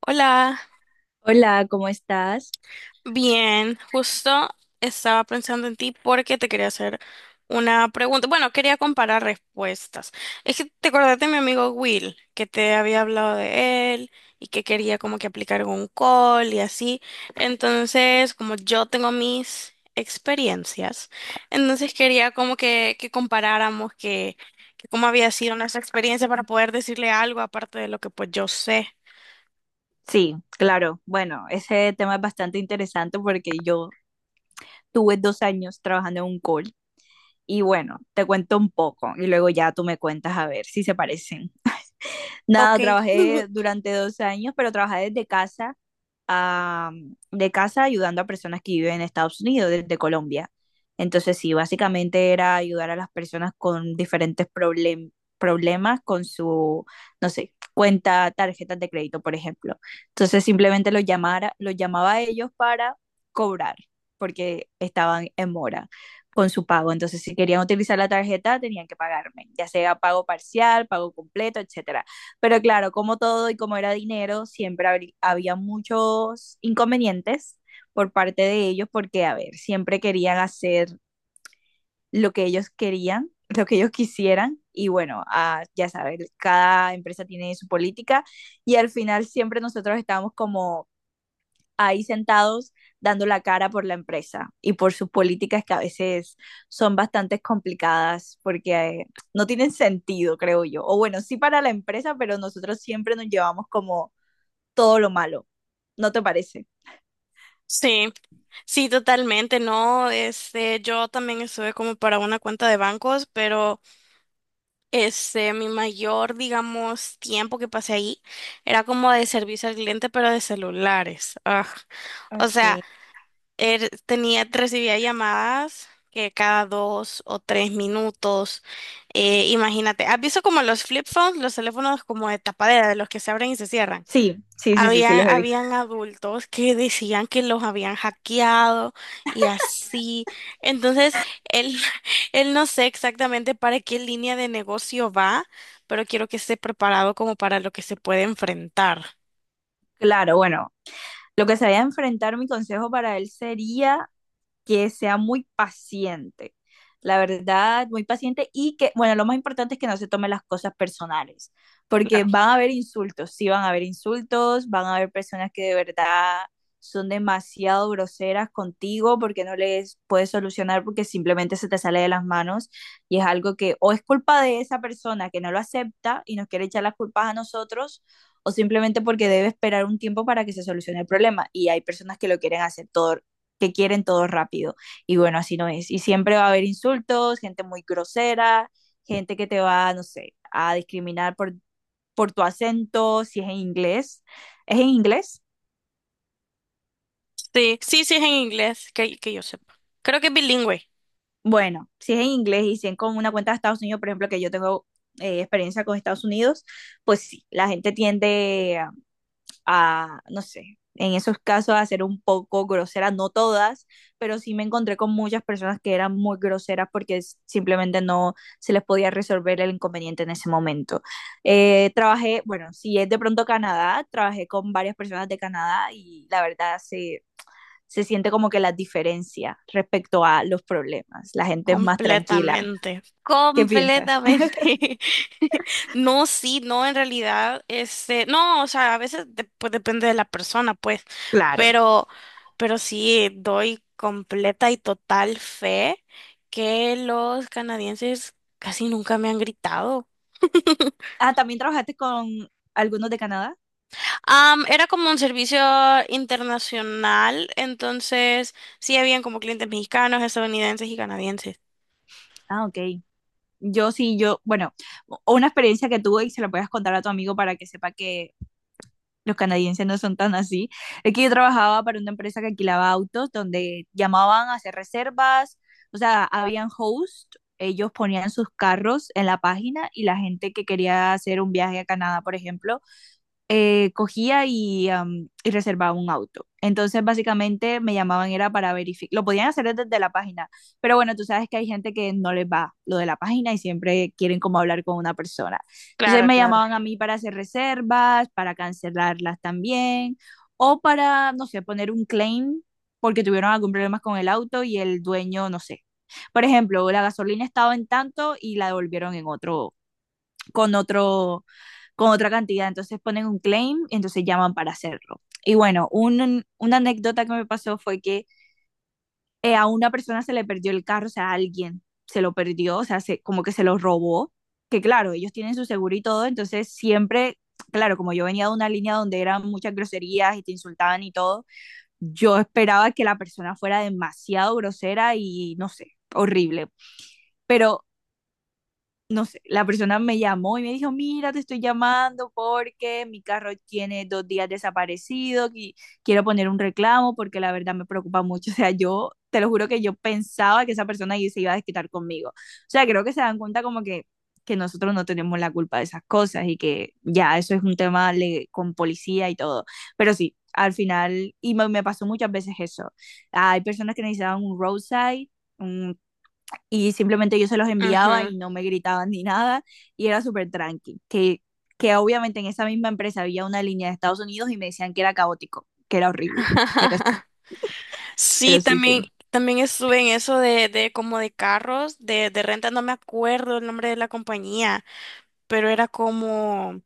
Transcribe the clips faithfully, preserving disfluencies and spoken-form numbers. Hola, Hola, ¿cómo estás? bien, justo estaba pensando en ti porque te quería hacer una pregunta. Bueno, quería comparar respuestas. Es que te acordaste de mi amigo Will, que te había hablado de él y que quería como que aplicar un call y así. Entonces, como yo tengo mis experiencias, entonces quería como que, que comparáramos que, que cómo había sido nuestra experiencia para poder decirle algo aparte de lo que pues yo sé. Sí, claro. Bueno, ese tema es bastante interesante porque yo tuve dos años trabajando en un call y bueno, te cuento un poco y luego ya tú me cuentas a ver si se parecen. Ok. Nada, trabajé durante dos años, pero trabajé desde casa a- de casa ayudando a personas que viven en Estados Unidos, desde Colombia. Entonces, sí, básicamente era ayudar a las personas con diferentes problem- problemas con su, no sé, cuenta, tarjetas de crédito, por ejemplo. Entonces, simplemente los llamara, los llamaba a ellos para cobrar, porque estaban en mora con su pago. Entonces, si querían utilizar la tarjeta, tenían que pagarme, ya sea pago parcial, pago completo, etcétera. Pero claro, como todo y como era dinero, siempre habrí- había muchos inconvenientes por parte de ellos, porque, a ver, siempre querían hacer lo que ellos querían, lo que ellos quisieran, y bueno, ah, ya sabes, cada empresa tiene su política, y al final siempre nosotros estábamos como ahí sentados dando la cara por la empresa y por sus políticas que a veces son bastante complicadas porque eh, no tienen sentido, creo yo. O bueno, sí para la empresa, pero nosotros siempre nos llevamos como todo lo malo. ¿No te parece? Sí, sí, totalmente, ¿no? Este, yo también estuve como para una cuenta de bancos, pero este, mi mayor, digamos, tiempo que pasé ahí era como de servicio al cliente, pero de celulares. Ugh. O sea, Ok. er- tenía, recibía llamadas que cada dos o tres minutos. Eh, imagínate, ¿has visto como los flip phones, los teléfonos como de tapadera, de los que se abren y se cierran? Sí, sí, sí, sí, sí, Habían, los he visto. habían adultos que decían que los habían hackeado y así. Entonces, él, él no sé exactamente para qué línea de negocio va, pero quiero que esté preparado como para lo que se puede enfrentar. Claro, bueno, lo que se vaya a enfrentar mi consejo para él sería que sea muy paciente, la verdad, muy paciente y que, bueno, lo más importante es que no se tomen las cosas personales, porque Claro. van a haber insultos, sí van a haber insultos, van a haber personas que de verdad son demasiado groseras contigo porque no les puedes solucionar porque simplemente se te sale de las manos y es algo que o es culpa de esa persona que no lo acepta y nos quiere echar las culpas a nosotros o simplemente porque debe esperar un tiempo para que se solucione el problema y hay personas que lo quieren hacer todo que quieren todo rápido. Y bueno, así no es. Y siempre va a haber insultos, gente muy grosera, gente que te va, no sé, a discriminar por, por tu acento, si es en inglés. ¿Es en inglés? Sí, sí, sí es en inglés, que, que yo sepa. Creo que es bilingüe. Bueno, si es en inglés y si es con una cuenta de Estados Unidos, por ejemplo, que yo tengo eh, experiencia con Estados Unidos, pues sí, la gente tiende a, no sé, en esos casos a ser un poco grosera, no todas, pero sí me encontré con muchas personas que eran muy groseras porque s- simplemente no se les podía resolver el inconveniente en ese momento. Eh, trabajé, bueno, si es de pronto Canadá, trabajé con varias personas de Canadá y la verdad se, se siente como que la diferencia respecto a los problemas. La gente es más tranquila. Completamente, ¿Qué piensas? completamente. No, sí, no, en realidad, este, no, o sea, a veces de- pues, depende de la persona, pues, Claro. pero, pero sí, doy completa y total fe que los canadienses casi nunca me han gritado. Ah, ¿también trabajaste con algunos de Canadá? Am, era como un servicio internacional, entonces sí habían como clientes mexicanos, estadounidenses y canadienses. Ah, ok. Yo sí, yo, bueno, o- una experiencia que tuve y se la puedes contar a tu amigo para que sepa que los canadienses no son tan así. Es que yo trabajaba para una empresa que alquilaba autos donde llamaban a hacer reservas, o sea, habían host, ellos ponían sus carros en la página y la gente que quería hacer un viaje a Canadá, por ejemplo, eh, cogía y, am, y reservaba un auto. Entonces, básicamente me llamaban era para verificar, lo podían hacer desde la página, pero bueno, tú sabes que hay gente que no les va lo de la página y siempre quieren como hablar con una persona. Entonces Claro, me claro. llamaban a mí para hacer reservas, para cancelarlas también, o para, no sé, poner un claim porque tuvieron algún problema con el auto y el dueño, no sé. Por ejemplo, la gasolina estaba en tanto y la devolvieron en otro, con otro con otra cantidad. Entonces ponen un claim y entonces llaman para hacerlo. Y bueno, un, una anécdota que me pasó fue que eh, a una persona se le perdió el carro, o sea, a alguien se lo perdió, o sea, se, como que se lo robó. Que claro, ellos tienen su seguro y todo, entonces siempre claro, como yo venía de una línea donde eran muchas groserías y te insultaban y todo, yo esperaba que la persona fuera demasiado grosera y no sé, horrible. Pero no sé, la persona me llamó y me dijo, mira, te estoy llamando porque mi carro tiene dos días desaparecido y quiero poner un reclamo porque la verdad me preocupa mucho. O sea, yo te lo juro que yo pensaba que esa persona ahí se iba a desquitar conmigo. O sea, creo que se dan cuenta como que, que nosotros no tenemos la culpa de esas cosas y que ya eso es un tema le- con policía y todo. Pero sí, al final, y me, me pasó muchas veces eso. Hay personas que necesitaban un roadside un y simplemente yo se los enviaba Ujú. y no me gritaban ni nada y era súper tranqui, que, que obviamente en esa misma empresa había una línea de Estados Unidos y me decían que era caótico, que era horrible. Pero sí. Sí, Pero sí, sí. también, también estuve en eso de, de como de carros, de, de renta, no me acuerdo el nombre de la compañía, pero era como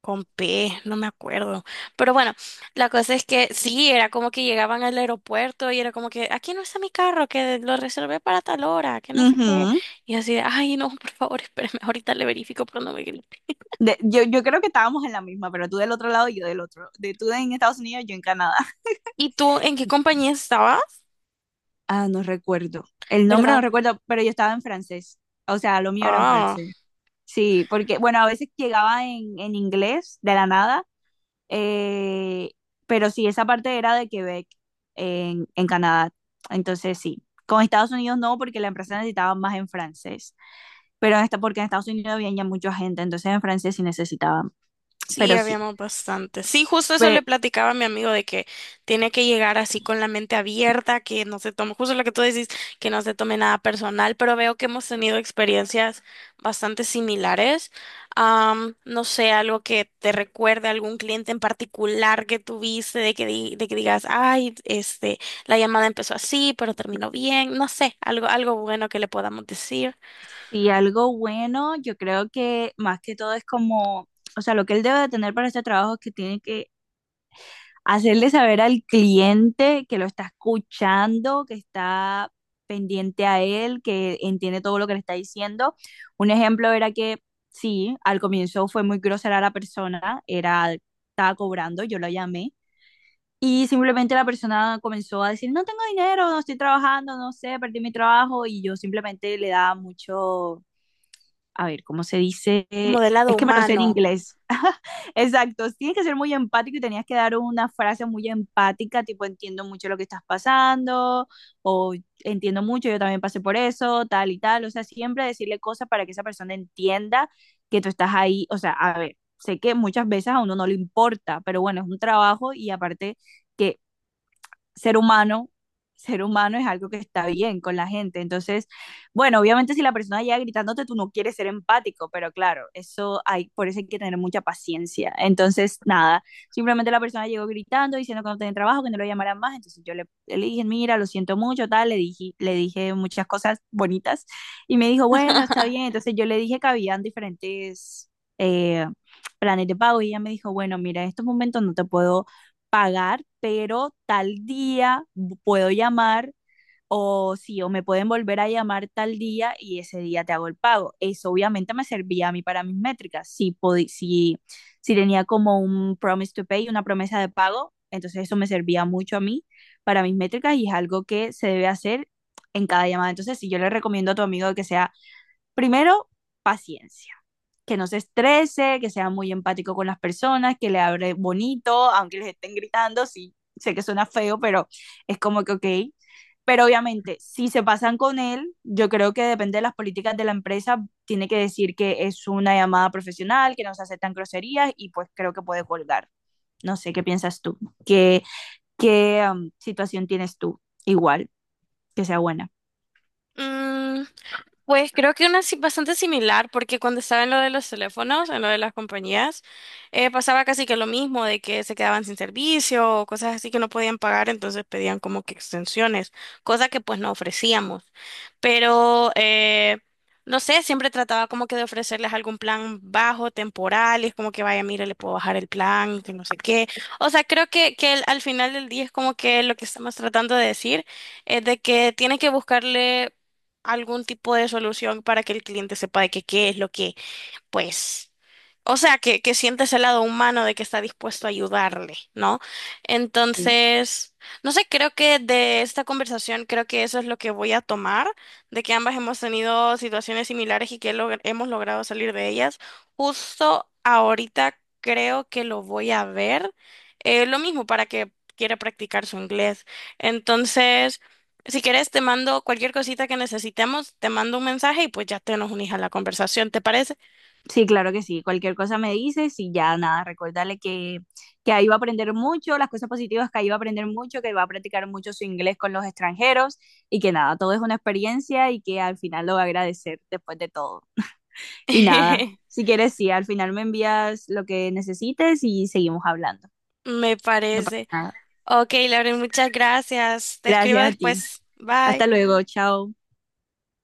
con P, no me acuerdo. Pero bueno, la cosa es que sí, era como que llegaban al aeropuerto y era como que, aquí no está mi carro, que lo reservé para tal hora, que no sé qué. Ujú. Y así de, ay, no, por favor, espérame, ahorita le verifico, pero no me grites". De- yo, yo creo que estábamos en la misma, pero tú del otro lado y yo del otro. De tú en Estados Unidos, yo en Canadá. ¿Y tú en qué compañía estabas? Ah, no recuerdo. El nombre no ¿Verdad? recuerdo, pero yo estaba en francés. O sea, lo mío era en Ah. francés. Sí, porque, bueno, a veces llegaba en, en inglés de la nada. Eh, pero sí, esa parte era de Quebec, en, en Canadá. Entonces sí, con Estados Unidos no, porque la empresa necesitaba más en francés. Pero en esta, porque en Estados Unidos había ya mucha gente, entonces en francés sí necesitaban. Sí, Pero sí, habíamos bastante. Sí, justo eso le pero platicaba a mi amigo de que tiene que llegar así con la mente abierta, que no se tome, justo lo que tú decís, que no se tome nada personal, pero veo que hemos tenido experiencias bastante similares. Am, no sé, algo que te recuerde a algún cliente en particular que tuviste, de que di- de que digas, ay, este, la llamada empezó así, pero terminó bien, no sé, algo, algo bueno que le podamos decir. sí, algo bueno, yo creo que más que todo es como, o sea, lo que él debe de tener para este trabajo es que tiene que hacerle saber al cliente que lo está escuchando, que está pendiente a él, que entiende todo lo que le está diciendo. Un ejemplo era que sí, al comienzo fue muy grosera la persona, era, estaba cobrando, yo lo llamé. Y simplemente la persona comenzó a decir, no tengo dinero, no estoy trabajando, no sé, perdí mi trabajo. Y yo simplemente le daba mucho, a ver, ¿cómo se dice? Modelado Es que me lo sé en humano. inglés. Exacto, tienes que ser muy empático y tenías que dar una frase muy empática, tipo entiendo mucho lo que estás pasando, o entiendo mucho, yo también pasé por eso, tal y tal. O sea, siempre decirle cosas para que esa persona entienda que tú estás ahí. O sea, a ver, sé que muchas veces a uno no le importa, pero bueno, es un trabajo y aparte que ser humano, ser humano es algo que está bien con la gente. Entonces, bueno, obviamente si la persona llega gritándote, tú no quieres ser empático, pero claro, eso hay, por eso hay que tener mucha paciencia. Entonces, nada, simplemente la persona llegó gritando, diciendo que no tenía trabajo, que no lo llamaran más. Entonces yo le, le dije, mira, lo siento mucho, tal, le dije, le dije muchas cosas bonitas y me dijo, bueno, está bien. Entonces yo le dije que habían diferentes... eh, planes de pago y ella me dijo, bueno, mira, en estos momentos no te puedo pagar, pero tal día puedo llamar o sí, o me pueden volver a llamar tal día y ese día te hago el pago. Eso obviamente me servía a mí para mis métricas. Si, podi- si, si tenía como un promise to pay, una promesa de pago, entonces eso me servía mucho a mí para mis métricas y es algo que se debe hacer en cada llamada. Entonces, si yo le recomiendo a tu amigo que sea Primero, paciencia. Que no se estrese, que sea muy empático con las personas, que le hable bonito, aunque les estén gritando. Sí, sé que suena feo, pero es como que, ok. Pero obviamente, si se pasan con él, yo creo que depende de las políticas de la empresa, tiene que decir que es una llamada profesional, que no se aceptan groserías y pues creo que puede colgar. No sé, ¿qué piensas tú? ¿Qué, qué um, situación tienes tú? Igual, que sea buena. Mm, pues creo que una si- bastante similar, porque cuando estaba en lo de los teléfonos, en lo de las compañías, eh, pasaba casi que lo mismo, de que se quedaban sin servicio o cosas así que no podían pagar, entonces pedían como que extensiones, cosa que pues no ofrecíamos. Pero, eh, no sé, siempre trataba como que de ofrecerles algún plan bajo, temporal, y es como que vaya, mire, le puedo bajar el plan, que no sé qué. O sea, creo que, que el- al final del día es como que lo que estamos tratando de decir es de que tiene que buscarle algún tipo de solución para que el cliente sepa de que qué es lo que pues, o sea, que, que sientes el lado humano de que está dispuesto a ayudarle, ¿no? Sí. Entonces, no sé, creo que de esta conversación, creo que eso es lo que voy a tomar, de que ambas hemos tenido situaciones similares y que log- hemos logrado salir de ellas. Justo ahorita creo que lo voy a ver. Eh, lo mismo para que quiera practicar su inglés. Entonces, si quieres, te mando cualquier cosita que necesitemos, te mando un mensaje y pues ya te nos unís a la conversación, ¿te parece? Sí, claro que sí. Cualquier cosa me dices y ya nada, recordarle que, que ahí va a aprender mucho, las cosas positivas que ahí va a aprender mucho, que va a practicar mucho su inglés con los extranjeros y que nada, todo es una experiencia y que al final lo va a agradecer después de todo. Y nada, si quieres, sí, al final me envías lo que necesites y seguimos hablando. Me No pasa parece. nada. Ok, Lauren, muchas gracias. Te escribo Gracias a ti. después. Bye. Hasta luego, chao.